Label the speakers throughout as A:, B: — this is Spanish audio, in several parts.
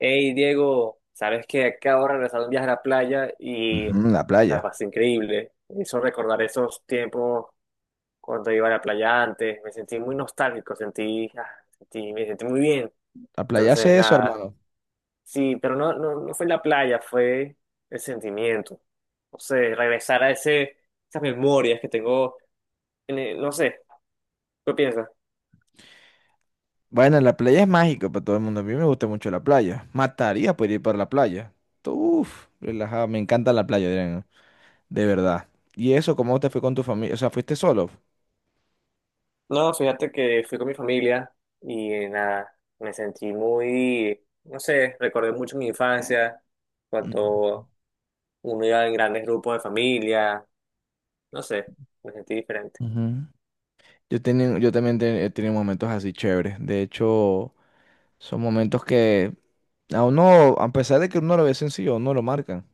A: Hey Diego, sabes que acabo de regresar de un viaje a la playa y
B: La
A: la
B: playa.
A: pasé increíble. Me hizo recordar esos tiempos cuando iba a la playa antes. Me sentí muy nostálgico, me sentí muy bien.
B: La playa
A: Entonces,
B: hace eso,
A: nada.
B: hermano.
A: Sí, pero no fue la playa, fue el sentimiento. No sé, regresar a esas memorias que tengo, no sé, ¿qué piensas?
B: Bueno, la playa es mágica para todo el mundo. A mí me gusta mucho la playa. Mataría por ir para la playa. Uf, relajado. Me encanta la playa, Adrián. De verdad. ¿Y eso cómo te fue con tu familia? O sea, ¿fuiste solo?
A: No, fíjate que fui con mi familia y nada, me sentí muy, no sé, recordé mucho mi infancia,
B: Ujú.
A: cuando uno iba en grandes grupos de familia, no sé, me sentí diferente.
B: Ujú. Yo, tenía- yo también te- He tenido momentos así chéveres. De hecho, son momentos que a pesar de que uno lo ve sencillo, uno lo marcan.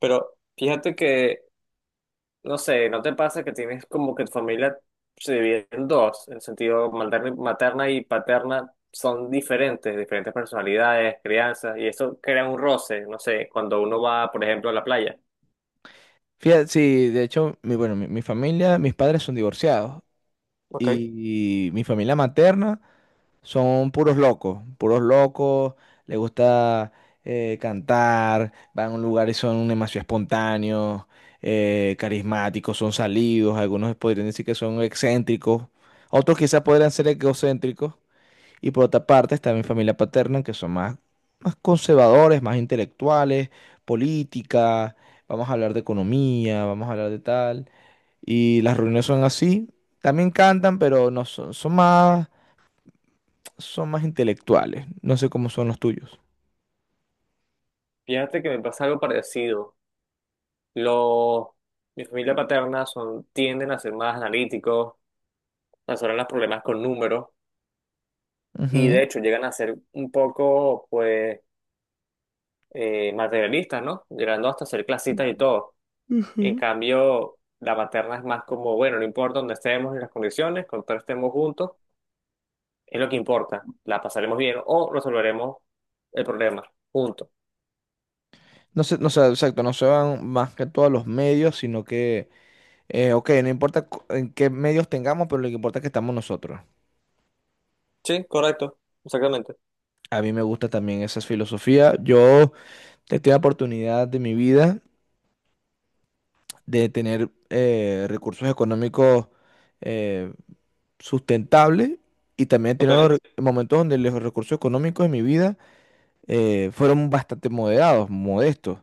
A: Pero fíjate que, no sé, ¿no te pasa que tienes como que tu familia se divide en dos? En el sentido materna y paterna son diferentes, diferentes personalidades, crianzas, y eso crea un roce, no sé, cuando uno va, por ejemplo, a la playa.
B: Fíjate, sí, de hecho, mi familia, mis padres son divorciados.
A: Ok.
B: Y mi familia materna son puros locos, les gusta cantar, van a un lugar y son demasiado espontáneos, carismáticos, son salidos, algunos podrían decir que son excéntricos, otros quizás podrían ser egocéntricos, y por otra parte está mi familia paterna, que más conservadores, más intelectuales, política, vamos a hablar de economía, vamos a hablar de tal, y las reuniones son así, también cantan, pero no son son más intelectuales. No sé cómo son los tuyos.
A: Fíjate que me pasa algo parecido. Los, Mi familia paterna son, tienden a ser más analíticos, resuelven los problemas con números, y
B: Ujú.
A: de hecho llegan a ser un poco, pues, materialistas, ¿no? Llegando hasta ser clasistas y todo. En
B: Ujú.
A: cambio, la materna es más como, bueno, no importa dónde estemos ni las condiciones, con todos estemos juntos, es lo que importa. La pasaremos bien o resolveremos el problema juntos.
B: Exacto, no se van más que todos los medios, sino que, ok, no importa en qué medios tengamos, pero lo que importa es que estamos nosotros.
A: Sí, correcto, exactamente.
B: A mí me gusta también esa filosofía. Yo he tenido la oportunidad de mi vida de tener recursos económicos eh, sustentables, y también he
A: Ok,
B: tenido momentos donde los recursos económicos de mi vida fueron bastante moderados, modestos.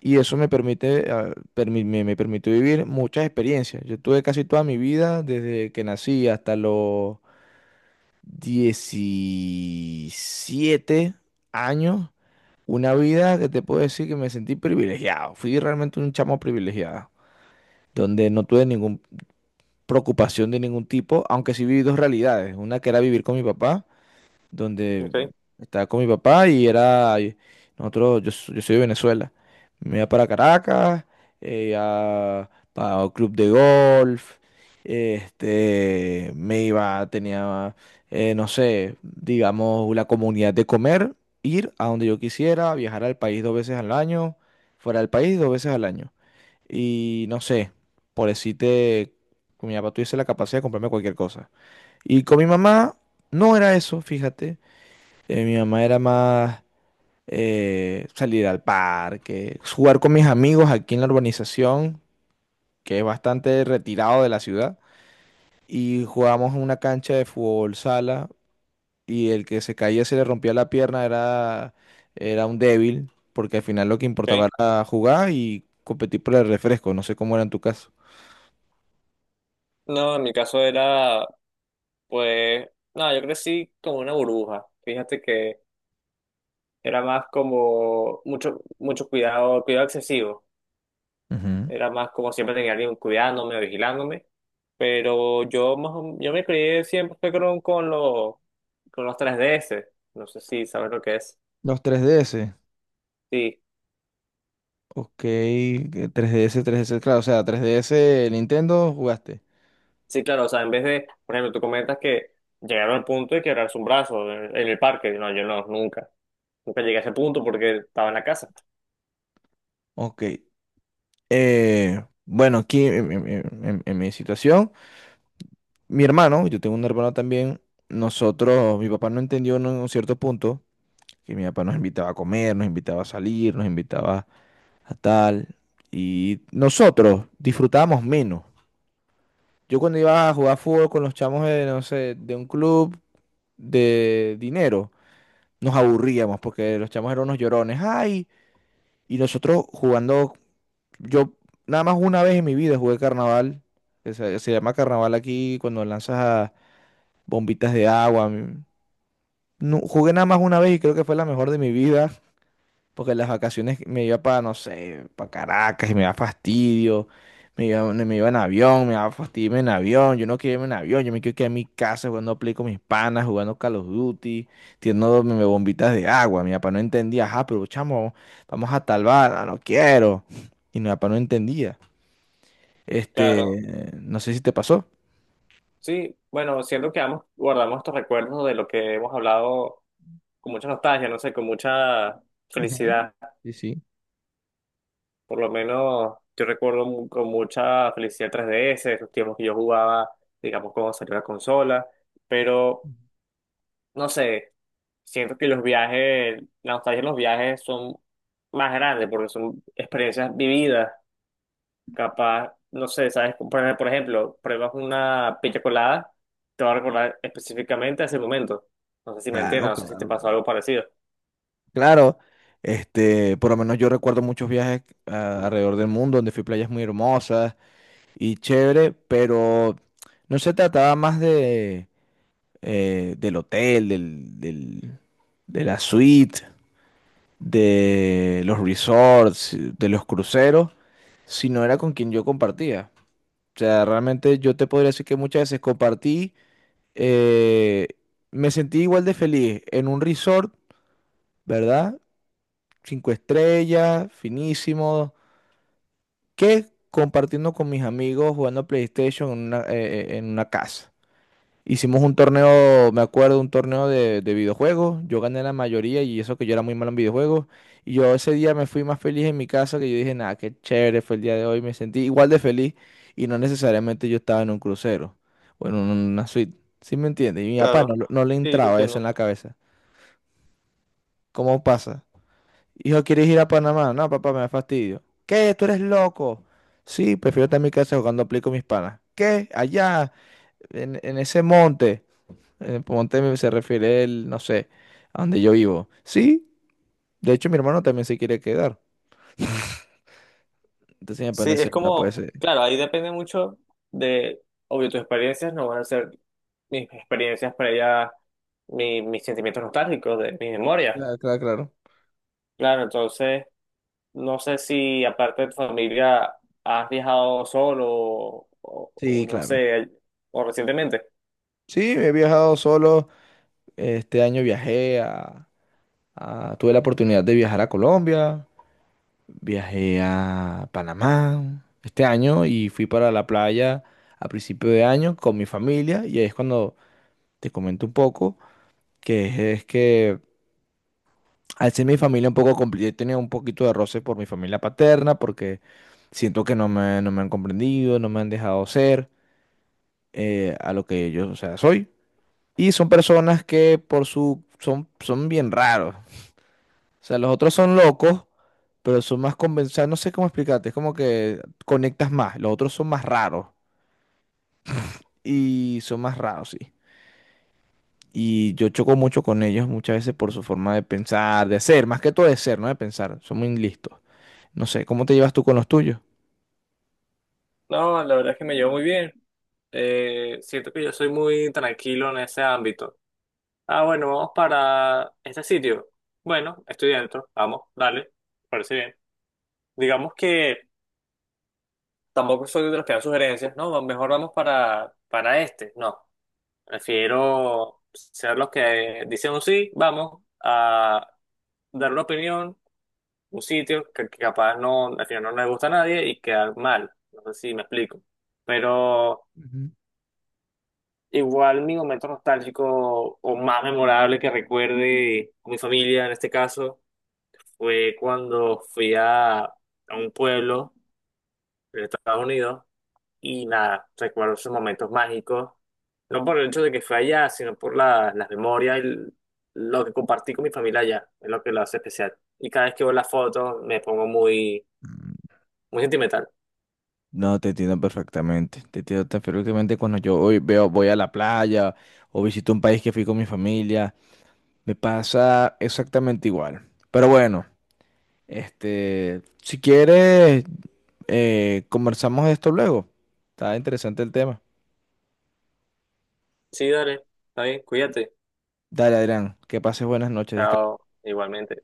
B: Y eso me permite, me, permitió vivir muchas experiencias. Yo tuve casi toda mi vida, desde que nací hasta los 17 años, una vida que te puedo decir que me sentí privilegiado. Fui realmente un chamo privilegiado, donde no tuve ninguna preocupación de ningún tipo, aunque sí viví dos realidades. Una que era vivir con mi papá donde
A: ok,
B: estaba con mi papá y era, nosotros, yo, so- yo soy de Venezuela. Me iba para Caracas, para un club de golf, este, no sé, digamos, la comunidad de comer, ir a donde yo quisiera, viajar al país dos veces al año, fuera del país dos veces al año. Y no sé, por decirte, con mi papá tuviese la capacidad de comprarme cualquier cosa. Y con mi mamá no era eso, fíjate. Mi mamá era más salir al parque, jugar con mis amigos aquí en la urbanización, que es bastante retirado de la ciudad, y jugábamos en una cancha de fútbol sala, y el que se caía se le rompía la pierna era un débil, porque al final lo que
A: ok.
B: importaba era jugar y competir por el refresco, no sé cómo era en tu caso.
A: No, en mi caso era, pues, nada, yo crecí como una burbuja. Fíjate que era más como mucho cuidado, cuidado excesivo.
B: Ujú.
A: Era más como siempre tenía alguien cuidándome o vigilándome. Pero yo más, yo me crié siempre fue con los 3DS. No sé si sabes lo que es.
B: Los 3DS,
A: Sí,
B: ok, claro, o sea, 3DS Nintendo jugaste.
A: sí, claro. O sea, en vez de, por ejemplo, tú comentas que llegaron al punto de quebrarse un brazo en el parque. No, yo no, nunca. Nunca llegué a ese punto porque estaba en la casa.
B: Ok. Bueno, aquí en mi situación, mi hermano, yo tengo un hermano también, nosotros, mi papá no entendió en un cierto punto que mi papá nos invitaba a comer, nos invitaba a salir, nos invitaba a tal, y nosotros disfrutábamos menos. Yo cuando iba a jugar fútbol con los chamos de, no sé, de un club de dinero, nos aburríamos porque los chamos eran unos llorones, ay, y nosotros jugando. Yo nada más una vez en mi vida jugué carnaval. Se llama carnaval aquí cuando lanzas a bombitas de agua. Mm. No, jugué nada más una vez y creo que fue la mejor de mi vida. Porque en las vacaciones me iba para, no sé, para Caracas y me daba fastidio. Me iba en avión, me daba fastidio irme en avión. Yo no quiero irme en avión, yo me quiero quedar en mi casa jugando Play con mis panas, jugando Call of Duty, tirando tirándome bombitas de agua. Mi papá no entendía, ajá, pero chamo, vamos a tal bar, "Ah, no quiero". Y mi papá no entendía.
A: Claro,
B: Este, no sé si te pasó.
A: sí, bueno, siento que ambos guardamos estos recuerdos de lo que hemos hablado con mucha nostalgia, no sé, con mucha
B: Ujú.
A: felicidad.
B: Sí, sí.
A: Por lo menos yo recuerdo con mucha felicidad 3DS, esos tiempos que yo jugaba, digamos, cuando salió la consola, pero no sé, siento que los viajes, la nostalgia en los viajes son más grandes porque son experiencias vividas. Capaz, no sé, ¿sabes? Por ejemplo, pruebas una piña colada, te va a recordar específicamente a ese momento. No sé si me entiendes,
B: Claro,
A: no sé si te
B: claro.
A: pasó algo parecido.
B: Claro, este, por lo menos yo recuerdo muchos viajes alrededor del mundo donde fui a playas muy hermosas y chévere, pero no se trataba más de del hotel, de la suite, de los resorts, de los cruceros, sino era con quien yo compartía. O sea, realmente yo te podría decir que muchas veces compartí. Eh, me sentí igual de feliz en un resort, ¿verdad? Cinco estrellas, finísimo, que compartiendo con mis amigos jugando PlayStation en una casa. Hicimos un torneo, me acuerdo, un torneo de videojuegos. Yo gané la mayoría y eso que yo era muy malo en videojuegos. Y yo ese día me fui más feliz en mi casa que yo dije, nada, qué chévere fue el día de hoy. Me sentí igual de feliz y no necesariamente yo estaba en un crucero o en una suite. ¿Sí me entiendes? Y mi papá
A: Claro,
B: no, no le
A: sí, te
B: entraba eso en
A: entiendo.
B: la cabeza. ¿Cómo pasa? Hijo, ¿quieres ir a Panamá? No, papá, me da fastidio. ¿Qué? ¿Tú eres loco? Sí, prefiero estar en mi casa jugando Play con mis panas. ¿Qué? Allá, en ese monte. Ponte, se refiere él, no sé, a donde yo vivo. Sí, de hecho mi hermano también se quiere quedar. Entonces me
A: Sí, es
B: pareció, no puede
A: como,
B: ser.
A: claro, ahí depende mucho de, obvio, tus experiencias no van a ser mis experiencias previas, mis sentimientos nostálgicos, de mis memorias.
B: Claro, claro, claro.
A: Claro, entonces, no sé si aparte de tu familia has viajado solo o
B: Sí,
A: no
B: claro.
A: sé, o recientemente.
B: Sí, he viajado solo. Este año viajé tuve la oportunidad de viajar a Colombia, viajé a Panamá este año y fui para la playa a principio de año con mi familia y ahí es cuando te comento un poco, que es que al ser mi familia un poco complicada, he tenido un poquito de roce por mi familia paterna, porque siento que no me han comprendido, no me han dejado ser a lo que yo, o sea, soy. Y son personas que por su, son bien raros. O sea, los otros son locos, pero son más convencidos, no sé cómo explicarte, es como que conectas más, los otros son más raros y son más raros, sí. Y yo choco mucho con ellos muchas veces por su forma de pensar, de ser, más que todo de ser, no de pensar, son muy listos. No sé, ¿cómo te llevas tú con los tuyos?
A: No, la verdad es que me llevo muy bien. Siento que yo soy muy tranquilo en ese ámbito. Ah, bueno, vamos para este sitio. Bueno, estoy dentro. Vamos, dale. Parece bien. Digamos que tampoco soy de los que dan sugerencias, ¿no? Mejor vamos para este. No, prefiero ser los que dicen un sí, vamos, a dar una opinión, un sitio que capaz no, al final no le gusta a nadie y quedar mal. No sé si me explico. Pero...
B: Ujú.
A: Igual mi momento nostálgico o más memorable que recuerde con mi familia en este caso fue cuando fui a un pueblo de Estados Unidos y nada, recuerdo esos momentos mágicos, no por el hecho de que fue allá, sino por las memorias y lo que compartí con mi familia allá, es lo que lo hace especial. Y cada vez que veo las fotos me pongo
B: Mm,
A: muy sentimental.
B: no, te entiendo perfectamente. Te entiendo tan perfectamente cuando yo hoy veo, voy a la playa o visito un país que fui con mi familia. Me pasa exactamente igual. Pero bueno, este, si quieres, conversamos de esto luego. Está interesante el tema.
A: Sí, dale, está bien, cuídate.
B: Dale, Adrián, que pases buenas noches. Descansa.
A: Chao, igualmente.